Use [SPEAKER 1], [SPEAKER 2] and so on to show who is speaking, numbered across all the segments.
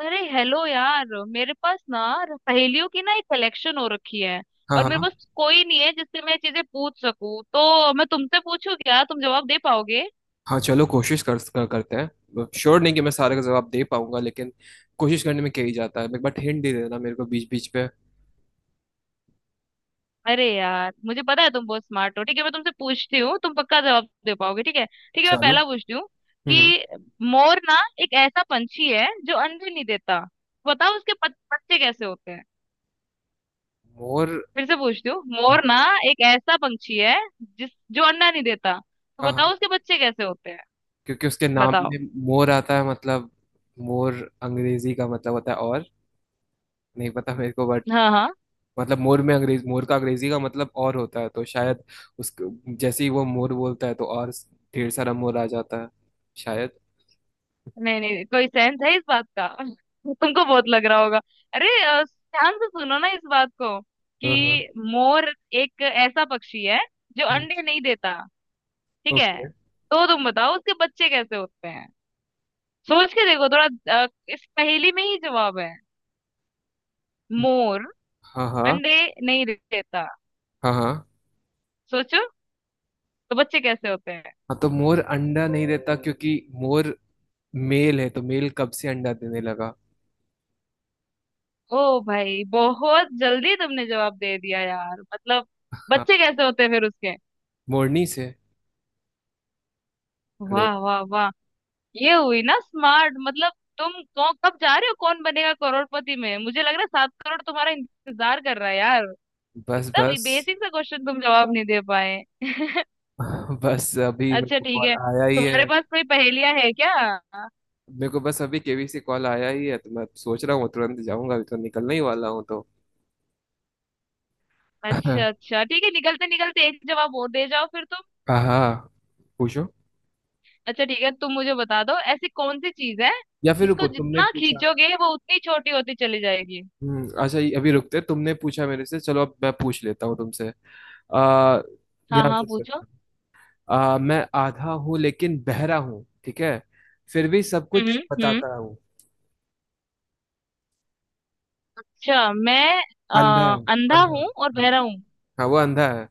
[SPEAKER 1] अरे हेलो यार, मेरे पास ना पहेलियों की ना एक कलेक्शन हो रखी है।
[SPEAKER 2] हाँ
[SPEAKER 1] और
[SPEAKER 2] हाँ
[SPEAKER 1] मेरे
[SPEAKER 2] हाँ।
[SPEAKER 1] पास कोई नहीं है जिससे मैं चीजें पूछ सकूं, तो मैं तुमसे पूछूं। क्या तुम जवाब दे पाओगे?
[SPEAKER 2] हाँ, चलो कोशिश कर, कर करते हैं। श्योर नहीं कि मैं सारे का जवाब दे पाऊंगा, लेकिन कोशिश करने में क्या ही जाता है। एक बार हिंट दे देना मेरे को बीच बीच पे।
[SPEAKER 1] अरे यार, मुझे पता है तुम बहुत स्मार्ट हो। ठीक है, मैं तुमसे पूछती हूँ, तुम पक्का जवाब दे पाओगे। ठीक है, ठीक है, मैं
[SPEAKER 2] चलो।
[SPEAKER 1] पहला पूछती हूँ
[SPEAKER 2] हम्म।
[SPEAKER 1] कि मोर ना एक ऐसा पंछी है जो अंडे नहीं देता। बताओ उसके बच्चे कैसे होते हैं।
[SPEAKER 2] मोर।
[SPEAKER 1] फिर से पूछती हूँ, मोर ना एक ऐसा पंछी है जिस जो अंडा नहीं देता। तो
[SPEAKER 2] हाँ हाँ।
[SPEAKER 1] बताओ उसके बच्चे कैसे होते हैं।
[SPEAKER 2] क्योंकि उसके नाम
[SPEAKER 1] बताओ।
[SPEAKER 2] में मोर आता है, मतलब मोर अंग्रेजी का मतलब होता है और। नहीं पता मेरे को, बट
[SPEAKER 1] हाँ हाँ।
[SPEAKER 2] मतलब मोर में अंग्रेज मोर का अंग्रेजी का मतलब और होता है, तो शायद उस जैसे ही वो मोर बोलता है तो और ढेर सारा मोर आ जाता है शायद।
[SPEAKER 1] नहीं नहीं, कोई सेंस है इस बात का? तुमको बहुत लग रहा होगा। अरे, ध्यान से सुनो ना इस बात को,
[SPEAKER 2] हाँ हाँ।
[SPEAKER 1] कि मोर एक ऐसा पक्षी है जो अंडे नहीं देता। ठीक है?
[SPEAKER 2] ओके।
[SPEAKER 1] तो तुम बताओ उसके बच्चे कैसे होते हैं। सोच के देखो थोड़ा। इस पहेली में ही जवाब है। मोर
[SPEAKER 2] हाँ हाँ
[SPEAKER 1] अंडे नहीं देता।
[SPEAKER 2] हाँ हाँ।
[SPEAKER 1] सोचो, तो बच्चे कैसे होते हैं।
[SPEAKER 2] हाँ तो मोर अंडा नहीं देता क्योंकि मोर मेल है, तो मेल कब से अंडा देने लगा।
[SPEAKER 1] ओ भाई, बहुत जल्दी तुमने जवाब दे दिया यार, मतलब।
[SPEAKER 2] हाँ।
[SPEAKER 1] बच्चे कैसे होते हैं फिर उसके?
[SPEAKER 2] मोरनी से। हेलो।
[SPEAKER 1] वाह वाह वाह, ये हुई ना स्मार्ट, मतलब। तुम कौन कब जा रहे हो कौन बनेगा करोड़पति में, मुझे लग रहा है सात करोड़ तुम्हारा इंतजार कर रहा है यार।
[SPEAKER 2] बस
[SPEAKER 1] इतना
[SPEAKER 2] बस।
[SPEAKER 1] बेसिक सा क्वेश्चन तुम जवाब नहीं दे पाए।
[SPEAKER 2] बस अभी मेरे
[SPEAKER 1] अच्छा
[SPEAKER 2] को
[SPEAKER 1] ठीक
[SPEAKER 2] कॉल
[SPEAKER 1] है,
[SPEAKER 2] आया ही
[SPEAKER 1] तुम्हारे
[SPEAKER 2] है।
[SPEAKER 1] पास कोई पहेलियां है क्या?
[SPEAKER 2] मेरे को बस अभी केवी से कॉल आया ही है तो मैं सोच रहा हूँ तुरंत जाऊंगा, अभी तो निकलने ही वाला हूँ तो।
[SPEAKER 1] अच्छा अच्छा ठीक है, निकलते निकलते एक जवाब और दे जाओ फिर तुम।
[SPEAKER 2] हाँ। पूछो।
[SPEAKER 1] अच्छा ठीक है, तुम मुझे बता दो, ऐसी कौन सी चीज है
[SPEAKER 2] या फिर
[SPEAKER 1] जिसको
[SPEAKER 2] रुको, तुमने
[SPEAKER 1] जितना
[SPEAKER 2] पूछा।
[SPEAKER 1] खींचोगे वो उतनी छोटी होती चली जाएगी।
[SPEAKER 2] हम्म। अच्छा ये अभी रुकते तुमने पूछा मेरे से, चलो अब मैं पूछ लेता हूँ तुमसे। आ
[SPEAKER 1] हाँ
[SPEAKER 2] ध्यान
[SPEAKER 1] हाँ
[SPEAKER 2] से
[SPEAKER 1] पूछो।
[SPEAKER 2] सुनना। मैं आधा हूँ लेकिन बहरा हूँ, ठीक है। फिर भी सब कुछ
[SPEAKER 1] हम्म।
[SPEAKER 2] बताता हूँ।
[SPEAKER 1] अच्छा मैं अ,
[SPEAKER 2] अंधा हूँ।
[SPEAKER 1] अंधा
[SPEAKER 2] अंधा
[SPEAKER 1] हूँ
[SPEAKER 2] हूँ।
[SPEAKER 1] और
[SPEAKER 2] हाँ
[SPEAKER 1] बहरा हूँ।
[SPEAKER 2] हाँ। वो अंधा है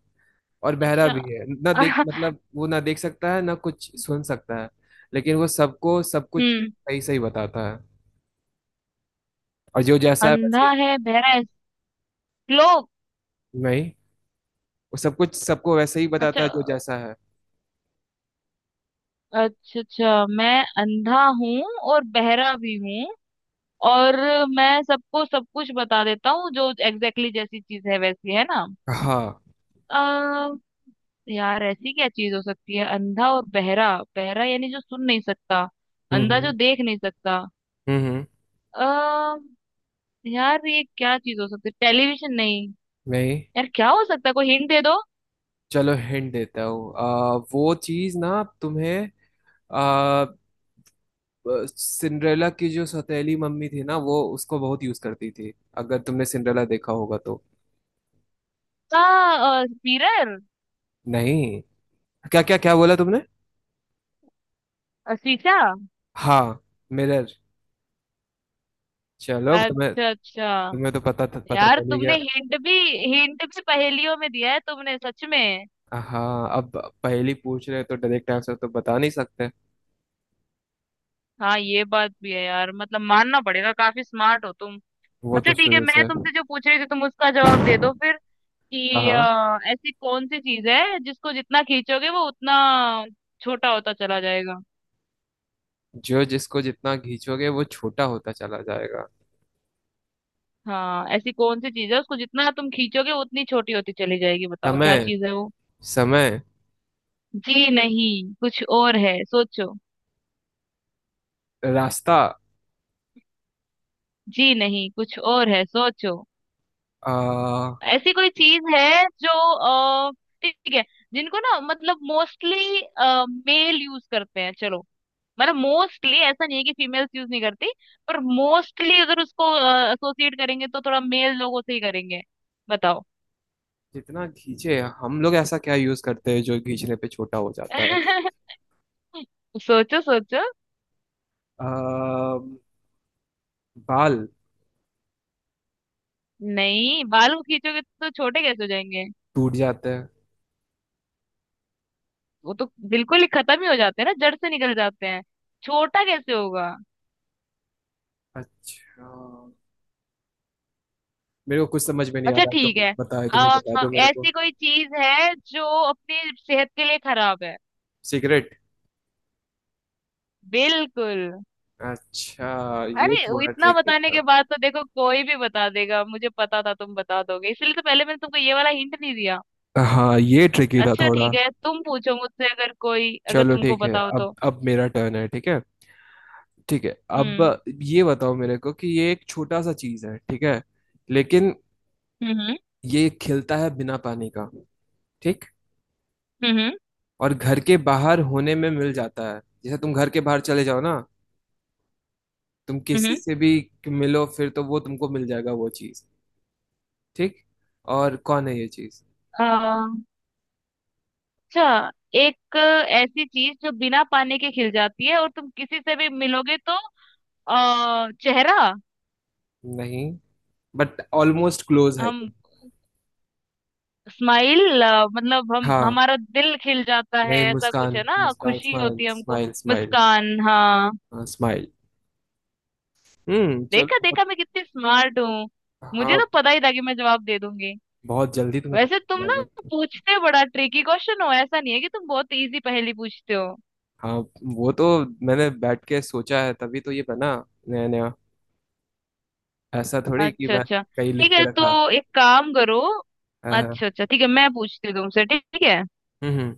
[SPEAKER 2] और बहरा
[SPEAKER 1] अच्छा।
[SPEAKER 2] भी है, ना देख मतलब वो ना देख सकता है ना कुछ सुन सकता है। लेकिन वो सबको सब कुछ
[SPEAKER 1] हम्म।
[SPEAKER 2] सही सही बताता है। और जो जैसा है
[SPEAKER 1] अंधा
[SPEAKER 2] वैसे।
[SPEAKER 1] है, बहरा है, लोग।
[SPEAKER 2] नहीं, वो सब कुछ सबको वैसे ही बताता
[SPEAKER 1] अच्छा
[SPEAKER 2] है जो जैसा है।
[SPEAKER 1] अच्छा। अच्छा मैं अंधा हूँ और बहरा भी हूँ, और मैं सबको सब कुछ बता देता हूँ, जो एग्जैक्टली जैसी चीज है वैसी, है ना?
[SPEAKER 2] हाँ।
[SPEAKER 1] आ, यार ऐसी क्या चीज हो सकती है? अंधा और बहरा, बहरा यानी जो सुन नहीं सकता, अंधा जो
[SPEAKER 2] हम्म।
[SPEAKER 1] देख नहीं सकता।
[SPEAKER 2] हम्म।
[SPEAKER 1] आ, यार ये क्या चीज हो सकती है? टेलीविजन? नहीं।
[SPEAKER 2] नहीं।
[SPEAKER 1] यार क्या हो सकता है, कोई हिंट दे दो।
[SPEAKER 2] चलो हिंट देता हूँ। वो चीज ना, तुम्हें सिंड्रेला की जो सौतेली मम्मी थी ना वो उसको बहुत यूज करती थी, अगर तुमने सिंड्रेला देखा होगा तो।
[SPEAKER 1] आ, आ, मिरर।
[SPEAKER 2] नहीं। क्या क्या क्या बोला तुमने?
[SPEAKER 1] शीशा।
[SPEAKER 2] हाँ। मिरर। चलो तुम्हें।
[SPEAKER 1] अच्छा अच्छा।
[SPEAKER 2] तुम्हें तो पता पता
[SPEAKER 1] यार
[SPEAKER 2] चल ही
[SPEAKER 1] तुमने
[SPEAKER 2] गया।
[SPEAKER 1] हिंट भी, हिंट भी पहेलियों में दिया है तुमने सच में।
[SPEAKER 2] हाँ अब पहली पूछ रहे हो तो डायरेक्ट आंसर तो बता नहीं सकते।
[SPEAKER 1] हाँ ये बात भी है यार, मतलब मानना पड़ेगा, काफी स्मार्ट हो तुम।
[SPEAKER 2] वो
[SPEAKER 1] अच्छा
[SPEAKER 2] तो
[SPEAKER 1] ठीक है,
[SPEAKER 2] शुरू
[SPEAKER 1] मैं
[SPEAKER 2] से।
[SPEAKER 1] तुमसे जो पूछ रही थी तुम उसका जवाब दे दो फिर,
[SPEAKER 2] हाँ
[SPEAKER 1] कि
[SPEAKER 2] हाँ।
[SPEAKER 1] ऐसी कौन सी चीज है जिसको जितना खींचोगे वो उतना छोटा होता चला जाएगा।
[SPEAKER 2] जो जिसको जितना खींचोगे वो छोटा होता चला जाएगा।
[SPEAKER 1] हाँ, ऐसी कौन सी चीज है उसको जितना तुम खींचोगे वो उतनी छोटी होती चली जाएगी, बताओ क्या
[SPEAKER 2] समय।
[SPEAKER 1] चीज है वो।
[SPEAKER 2] समय।
[SPEAKER 1] जी नहीं, कुछ और है, सोचो।
[SPEAKER 2] रास्ता।
[SPEAKER 1] जी नहीं, कुछ और है, सोचो।
[SPEAKER 2] आ,
[SPEAKER 1] ऐसी कोई चीज है जो अ, ठीक है, जिनको ना, मतलब मोस्टली मेल यूज करते हैं। चलो, मतलब मोस्टली ऐसा नहीं है कि फीमेल्स यूज नहीं करती, पर मोस्टली अगर उसको एसोसिएट करेंगे तो थोड़ा मेल लोगों से ही करेंगे। बताओ।
[SPEAKER 2] जितना खींचे हम लोग, ऐसा क्या यूज करते हैं जो खींचने पे छोटा हो जाता है?
[SPEAKER 1] सोचो सोचो।
[SPEAKER 2] अ, बाल।
[SPEAKER 1] नहीं, बाल को खींचोगे तो छोटे कैसे हो जाएंगे?
[SPEAKER 2] टूट जाते हैं।
[SPEAKER 1] वो तो बिल्कुल ही खत्म ही हो जाते हैं ना, जड़ से निकल जाते हैं। छोटा कैसे होगा?
[SPEAKER 2] अच्छा। मेरे को कुछ समझ में नहीं आ
[SPEAKER 1] अच्छा
[SPEAKER 2] रहा तो
[SPEAKER 1] ठीक है।
[SPEAKER 2] बताए, तुम ही
[SPEAKER 1] आ,
[SPEAKER 2] बता दो मेरे को।
[SPEAKER 1] ऐसी कोई चीज है जो अपनी सेहत के लिए खराब है।
[SPEAKER 2] सिगरेट।
[SPEAKER 1] बिल्कुल।
[SPEAKER 2] अच्छा। ये
[SPEAKER 1] अरे वो
[SPEAKER 2] थोड़ा
[SPEAKER 1] इतना
[SPEAKER 2] ट्रिकी
[SPEAKER 1] बताने के
[SPEAKER 2] था।
[SPEAKER 1] बाद तो देखो कोई भी बता देगा, मुझे पता था तुम बता दोगे, इसलिए तो पहले मैंने तुमको ये वाला हिंट नहीं दिया।
[SPEAKER 2] हाँ ये ट्रिकी था
[SPEAKER 1] अच्छा
[SPEAKER 2] थोड़ा।
[SPEAKER 1] ठीक है, तुम पूछो मुझसे अगर कोई, अगर
[SPEAKER 2] चलो
[SPEAKER 1] तुमको
[SPEAKER 2] ठीक है,
[SPEAKER 1] बताओ
[SPEAKER 2] अब
[SPEAKER 1] तो।
[SPEAKER 2] अब मेरा टर्न है, ठीक है। ठीक है। अब
[SPEAKER 1] हम्म।
[SPEAKER 2] ये बताओ मेरे को कि ये एक छोटा सा चीज है, ठीक है। लेकिन
[SPEAKER 1] हम्म।
[SPEAKER 2] ये खिलता है बिना पानी का, ठीक।
[SPEAKER 1] हम्म।
[SPEAKER 2] और घर के बाहर होने में मिल जाता है, जैसे तुम घर के बाहर चले जाओ ना, तुम किसी
[SPEAKER 1] हम्म।
[SPEAKER 2] से भी मिलो फिर तो वो तुमको मिल जाएगा वो चीज, ठीक। और कौन है ये चीज?
[SPEAKER 1] आ, अच्छा, एक ऐसी चीज जो बिना पानी के खिल जाती है, और तुम किसी से भी मिलोगे तो। चेहरा।
[SPEAKER 2] नहीं, बट ऑलमोस्ट क्लोज है
[SPEAKER 1] हम।
[SPEAKER 2] तुम।
[SPEAKER 1] स्माइल, मतलब हम,
[SPEAKER 2] हाँ।
[SPEAKER 1] हमारा दिल खिल जाता है,
[SPEAKER 2] नहीं,
[SPEAKER 1] ऐसा कुछ
[SPEAKER 2] मुस्कान।
[SPEAKER 1] है ना,
[SPEAKER 2] मुस्कान,
[SPEAKER 1] खुशी
[SPEAKER 2] स्माइल
[SPEAKER 1] होती है हमको।
[SPEAKER 2] Smile smile.
[SPEAKER 1] मुस्कान, हाँ।
[SPEAKER 2] हाँ, स्माइल। चलो
[SPEAKER 1] देखा
[SPEAKER 2] बहुत।
[SPEAKER 1] देखा, मैं कितनी स्मार्ट हूँ, मुझे
[SPEAKER 2] हाँ।
[SPEAKER 1] तो पता ही था कि मैं जवाब दे दूंगी।
[SPEAKER 2] बहुत जल्दी तुम्हें
[SPEAKER 1] वैसे
[SPEAKER 2] पता
[SPEAKER 1] तुम
[SPEAKER 2] चला
[SPEAKER 1] ना
[SPEAKER 2] गया।
[SPEAKER 1] पूछते बड़ा ट्रिकी क्वेश्चन हो, ऐसा नहीं है कि तुम बहुत इजी पहेली पूछते हो।
[SPEAKER 2] हाँ वो तो, मैंने बैठ के सोचा है तभी तो ये बना, नया नया। ऐसा थोड़ी कि
[SPEAKER 1] अच्छा
[SPEAKER 2] मैं
[SPEAKER 1] अच्छा
[SPEAKER 2] कहीं
[SPEAKER 1] ठीक
[SPEAKER 2] लिख
[SPEAKER 1] है,
[SPEAKER 2] के रखा।
[SPEAKER 1] तो एक काम करो।
[SPEAKER 2] हाँ,
[SPEAKER 1] अच्छा
[SPEAKER 2] हाँ,
[SPEAKER 1] अच्छा ठीक है, मैं पूछती हूँ तुमसे, ठीक है?
[SPEAKER 2] हम्म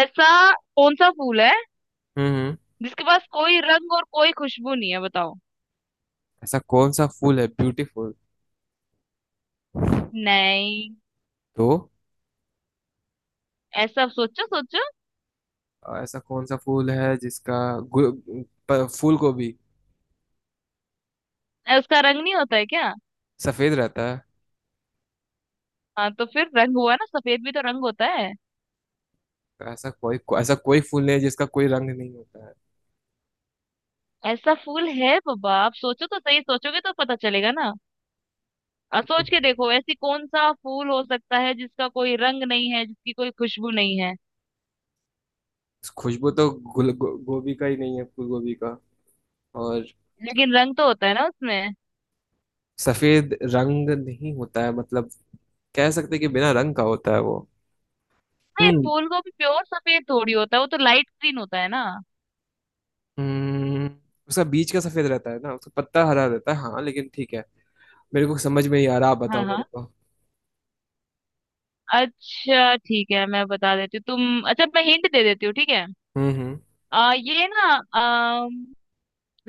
[SPEAKER 1] ऐसा कौन सा फूल है
[SPEAKER 2] हम्म।
[SPEAKER 1] जिसके पास कोई रंग और कोई खुशबू नहीं है, बताओ।
[SPEAKER 2] ऐसा कौन सा फूल है? ब्यूटीफुल?
[SPEAKER 1] नहीं।
[SPEAKER 2] तो।
[SPEAKER 1] ऐसा, सोचो सोचो।
[SPEAKER 2] ऐसा कौन सा फूल है जिसका गु- फूल को भी
[SPEAKER 1] उसका रंग नहीं होता है क्या?
[SPEAKER 2] सफेद रहता है?
[SPEAKER 1] हाँ तो फिर रंग हुआ ना, सफेद भी तो रंग होता है।
[SPEAKER 2] तो ऐसा कोई फूल नहीं है जिसका कोई रंग नहीं होता है।
[SPEAKER 1] ऐसा फूल है बाबा, आप सोचो तो सही, सोचोगे तो पता चलेगा ना। और सोच के देखो, ऐसी कौन सा फूल हो सकता है जिसका कोई रंग नहीं है, जिसकी कोई खुशबू नहीं है।
[SPEAKER 2] खुशबू तो गोभी का ही नहीं है, फूल गोभी का। और।
[SPEAKER 1] लेकिन रंग तो होता है ना उसमें?
[SPEAKER 2] सफेद रंग नहीं होता है, मतलब कह सकते हैं कि बिना रंग का होता है वो।
[SPEAKER 1] नहीं,
[SPEAKER 2] हम्म।
[SPEAKER 1] फूल को भी प्योर सफेद थोड़ी होता है, वो तो लाइट ग्रीन होता है ना।
[SPEAKER 2] हम्म। उसका बीज का सफेद रहता है ना, उसका पत्ता हरा रहता है, हाँ लेकिन ठीक है। मेरे को समझ में ही आ रहा, आप
[SPEAKER 1] हाँ
[SPEAKER 2] बताओ मेरे
[SPEAKER 1] हाँ।
[SPEAKER 2] को।
[SPEAKER 1] अच्छा ठीक है, मैं बता देती हूँ तुम, अच्छा मैं हिंट दे देती हूँ, ठीक है?
[SPEAKER 2] हम्म।
[SPEAKER 1] ये ना, आ,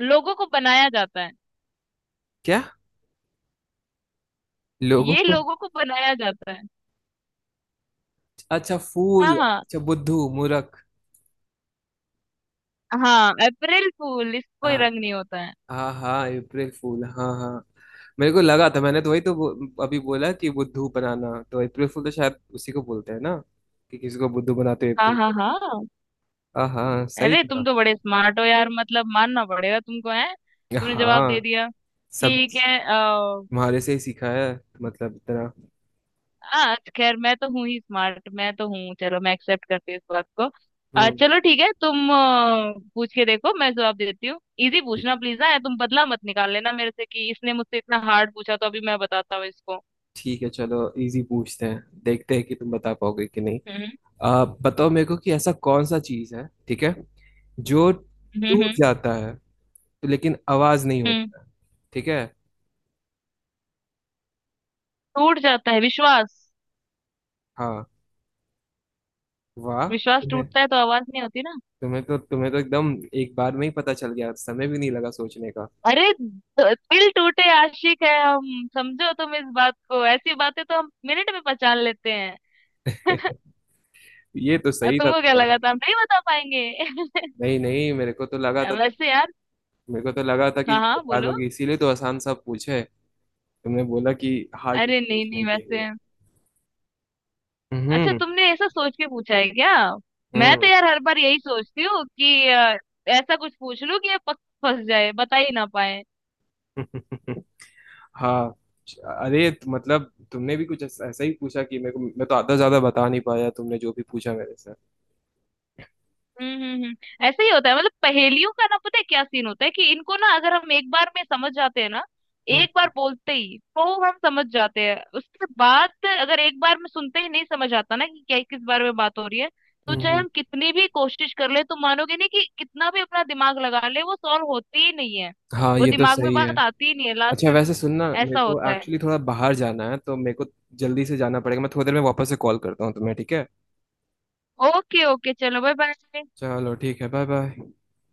[SPEAKER 1] लोगों को बनाया जाता है।
[SPEAKER 2] क्या? लोगों
[SPEAKER 1] ये
[SPEAKER 2] को?
[SPEAKER 1] लोगों को बनाया जाता है।
[SPEAKER 2] अच्छा,
[SPEAKER 1] हाँ
[SPEAKER 2] फूल
[SPEAKER 1] हाँ,
[SPEAKER 2] अच्छा, बुद्धू मुरक।
[SPEAKER 1] हाँ अप्रैल फूल, इसको ही
[SPEAKER 2] हाँ
[SPEAKER 1] रंग नहीं होता है।
[SPEAKER 2] हाँ। हाँ अप्रैल फूल, हाँ हाँ। मेरे को लगा था, मैंने तो वही तो अभी बोला कि बुद्धू बनाना तो अप्रैल फूल तो शायद उसी को बोलते हैं ना, कि किसी को बुद्धू बनाते हैं
[SPEAKER 1] हाँ
[SPEAKER 2] अप्रैल
[SPEAKER 1] हाँ
[SPEAKER 2] फूल।
[SPEAKER 1] हाँ।
[SPEAKER 2] हाँ हाँ सही
[SPEAKER 1] अरे तुम
[SPEAKER 2] था।
[SPEAKER 1] तो बड़े स्मार्ट हो यार, मतलब मानना पड़ेगा तुमको है, तुमने जवाब दे
[SPEAKER 2] हाँ।
[SPEAKER 1] दिया।
[SPEAKER 2] सब
[SPEAKER 1] ठीक है।
[SPEAKER 2] तुम्हारे से ही सीखा है, मतलब इतना।
[SPEAKER 1] हाँ खैर, मैं तो हूँ ही स्मार्ट, मैं तो हूँ, चलो मैं एक्सेप्ट करती हूँ इस बात को।
[SPEAKER 2] हम्म।
[SPEAKER 1] चलो ठीक है, तुम पूछ के देखो, मैं जवाब देती हूँ। इजी पूछना प्लीज ना तुम, बदला मत निकाल लेना मेरे से, कि इसने मुझसे इतना हार्ड पूछा तो अभी मैं बताता हूँ इसको।
[SPEAKER 2] ठीक है चलो, इजी पूछते हैं, देखते हैं कि तुम बता पाओगे कि नहीं।
[SPEAKER 1] हम्म।
[SPEAKER 2] आप बताओ मेरे को कि ऐसा कौन सा चीज है, ठीक है। जो
[SPEAKER 1] हम्म। हम्म।
[SPEAKER 2] टूट जाता है तो, लेकिन आवाज नहीं
[SPEAKER 1] हम्म।
[SPEAKER 2] होता है, ठीक है।
[SPEAKER 1] टूट जाता है विश्वास।
[SPEAKER 2] हाँ। वाह
[SPEAKER 1] विश्वास
[SPEAKER 2] तुम्हें।
[SPEAKER 1] टूटता है तो आवाज नहीं होती ना।
[SPEAKER 2] तुम्हें तो एकदम एक बार में ही पता चल गया, समय भी नहीं लगा सोचने का।
[SPEAKER 1] अरे, दिल टूटे आशिक है हम, समझो तुम इस बात को, ऐसी बातें तो हम मिनट में पहचान लेते हैं।
[SPEAKER 2] ये तो
[SPEAKER 1] और
[SPEAKER 2] सही था
[SPEAKER 1] तुमको क्या लगा
[SPEAKER 2] तुम्हारा।
[SPEAKER 1] था, हम नहीं बता पाएंगे?
[SPEAKER 2] नहीं नहीं,
[SPEAKER 1] वैसे यार।
[SPEAKER 2] मेरे को तो लगा था कि
[SPEAKER 1] हाँ हाँ
[SPEAKER 2] बता
[SPEAKER 1] बोलो।
[SPEAKER 2] दोगे, इसीलिए तो आसान सा पूछे। तुमने बोला कि हार्ड नहीं
[SPEAKER 1] अरे नहीं
[SPEAKER 2] पूछने
[SPEAKER 1] नहीं,
[SPEAKER 2] के
[SPEAKER 1] वैसे।
[SPEAKER 2] लिए।
[SPEAKER 1] अच्छा,
[SPEAKER 2] हम्म
[SPEAKER 1] तुमने ऐसा सोच के पूछा है क्या? मैं तो
[SPEAKER 2] हम्म।
[SPEAKER 1] यार हर बार यही सोचती हूँ कि ऐसा कुछ पूछ लूं कि ये पक फंस जाए, बता ही ना पाए।
[SPEAKER 2] हाँ। अरे मतलब तुमने भी कुछ ऐसा ऐसा ही पूछा कि मेरे को, मैं तो आधा ज्यादा बता नहीं पाया, तुमने जो भी पूछा मेरे से।
[SPEAKER 1] हम्म। हम्म। हम्म। ऐसे ही होता है, मतलब पहेलियों का ना पता है क्या सीन होता है, कि इनको ना अगर हम एक बार में समझ जाते हैं ना,
[SPEAKER 2] हम्म
[SPEAKER 1] एक बार बोलते ही तो हम समझ जाते हैं, उसके बाद अगर एक बार में सुनते ही नहीं समझ आता ना कि क्या, किस बारे में बात हो रही है, तो
[SPEAKER 2] हम्म
[SPEAKER 1] चाहे
[SPEAKER 2] हम्म।
[SPEAKER 1] हम कितनी भी कोशिश कर ले तो मानोगे नहीं, कि कितना भी अपना दिमाग लगा ले वो सॉल्व होती ही नहीं है।
[SPEAKER 2] हाँ
[SPEAKER 1] वो
[SPEAKER 2] ये तो
[SPEAKER 1] दिमाग में
[SPEAKER 2] सही है।
[SPEAKER 1] बात आती ही नहीं है लास्ट
[SPEAKER 2] अच्छा
[SPEAKER 1] में।
[SPEAKER 2] वैसे सुनना, मेरे
[SPEAKER 1] ऐसा
[SPEAKER 2] को
[SPEAKER 1] होता है।
[SPEAKER 2] एक्चुअली थोड़ा बाहर जाना है तो मेरे को जल्दी से जाना पड़ेगा, मैं थोड़ी देर में वापस से कॉल करता हूँ तुम्हें, ठीक है।
[SPEAKER 1] ओके ओके, चलो बाय बाय।
[SPEAKER 2] चलो ठीक है, बाय बाय।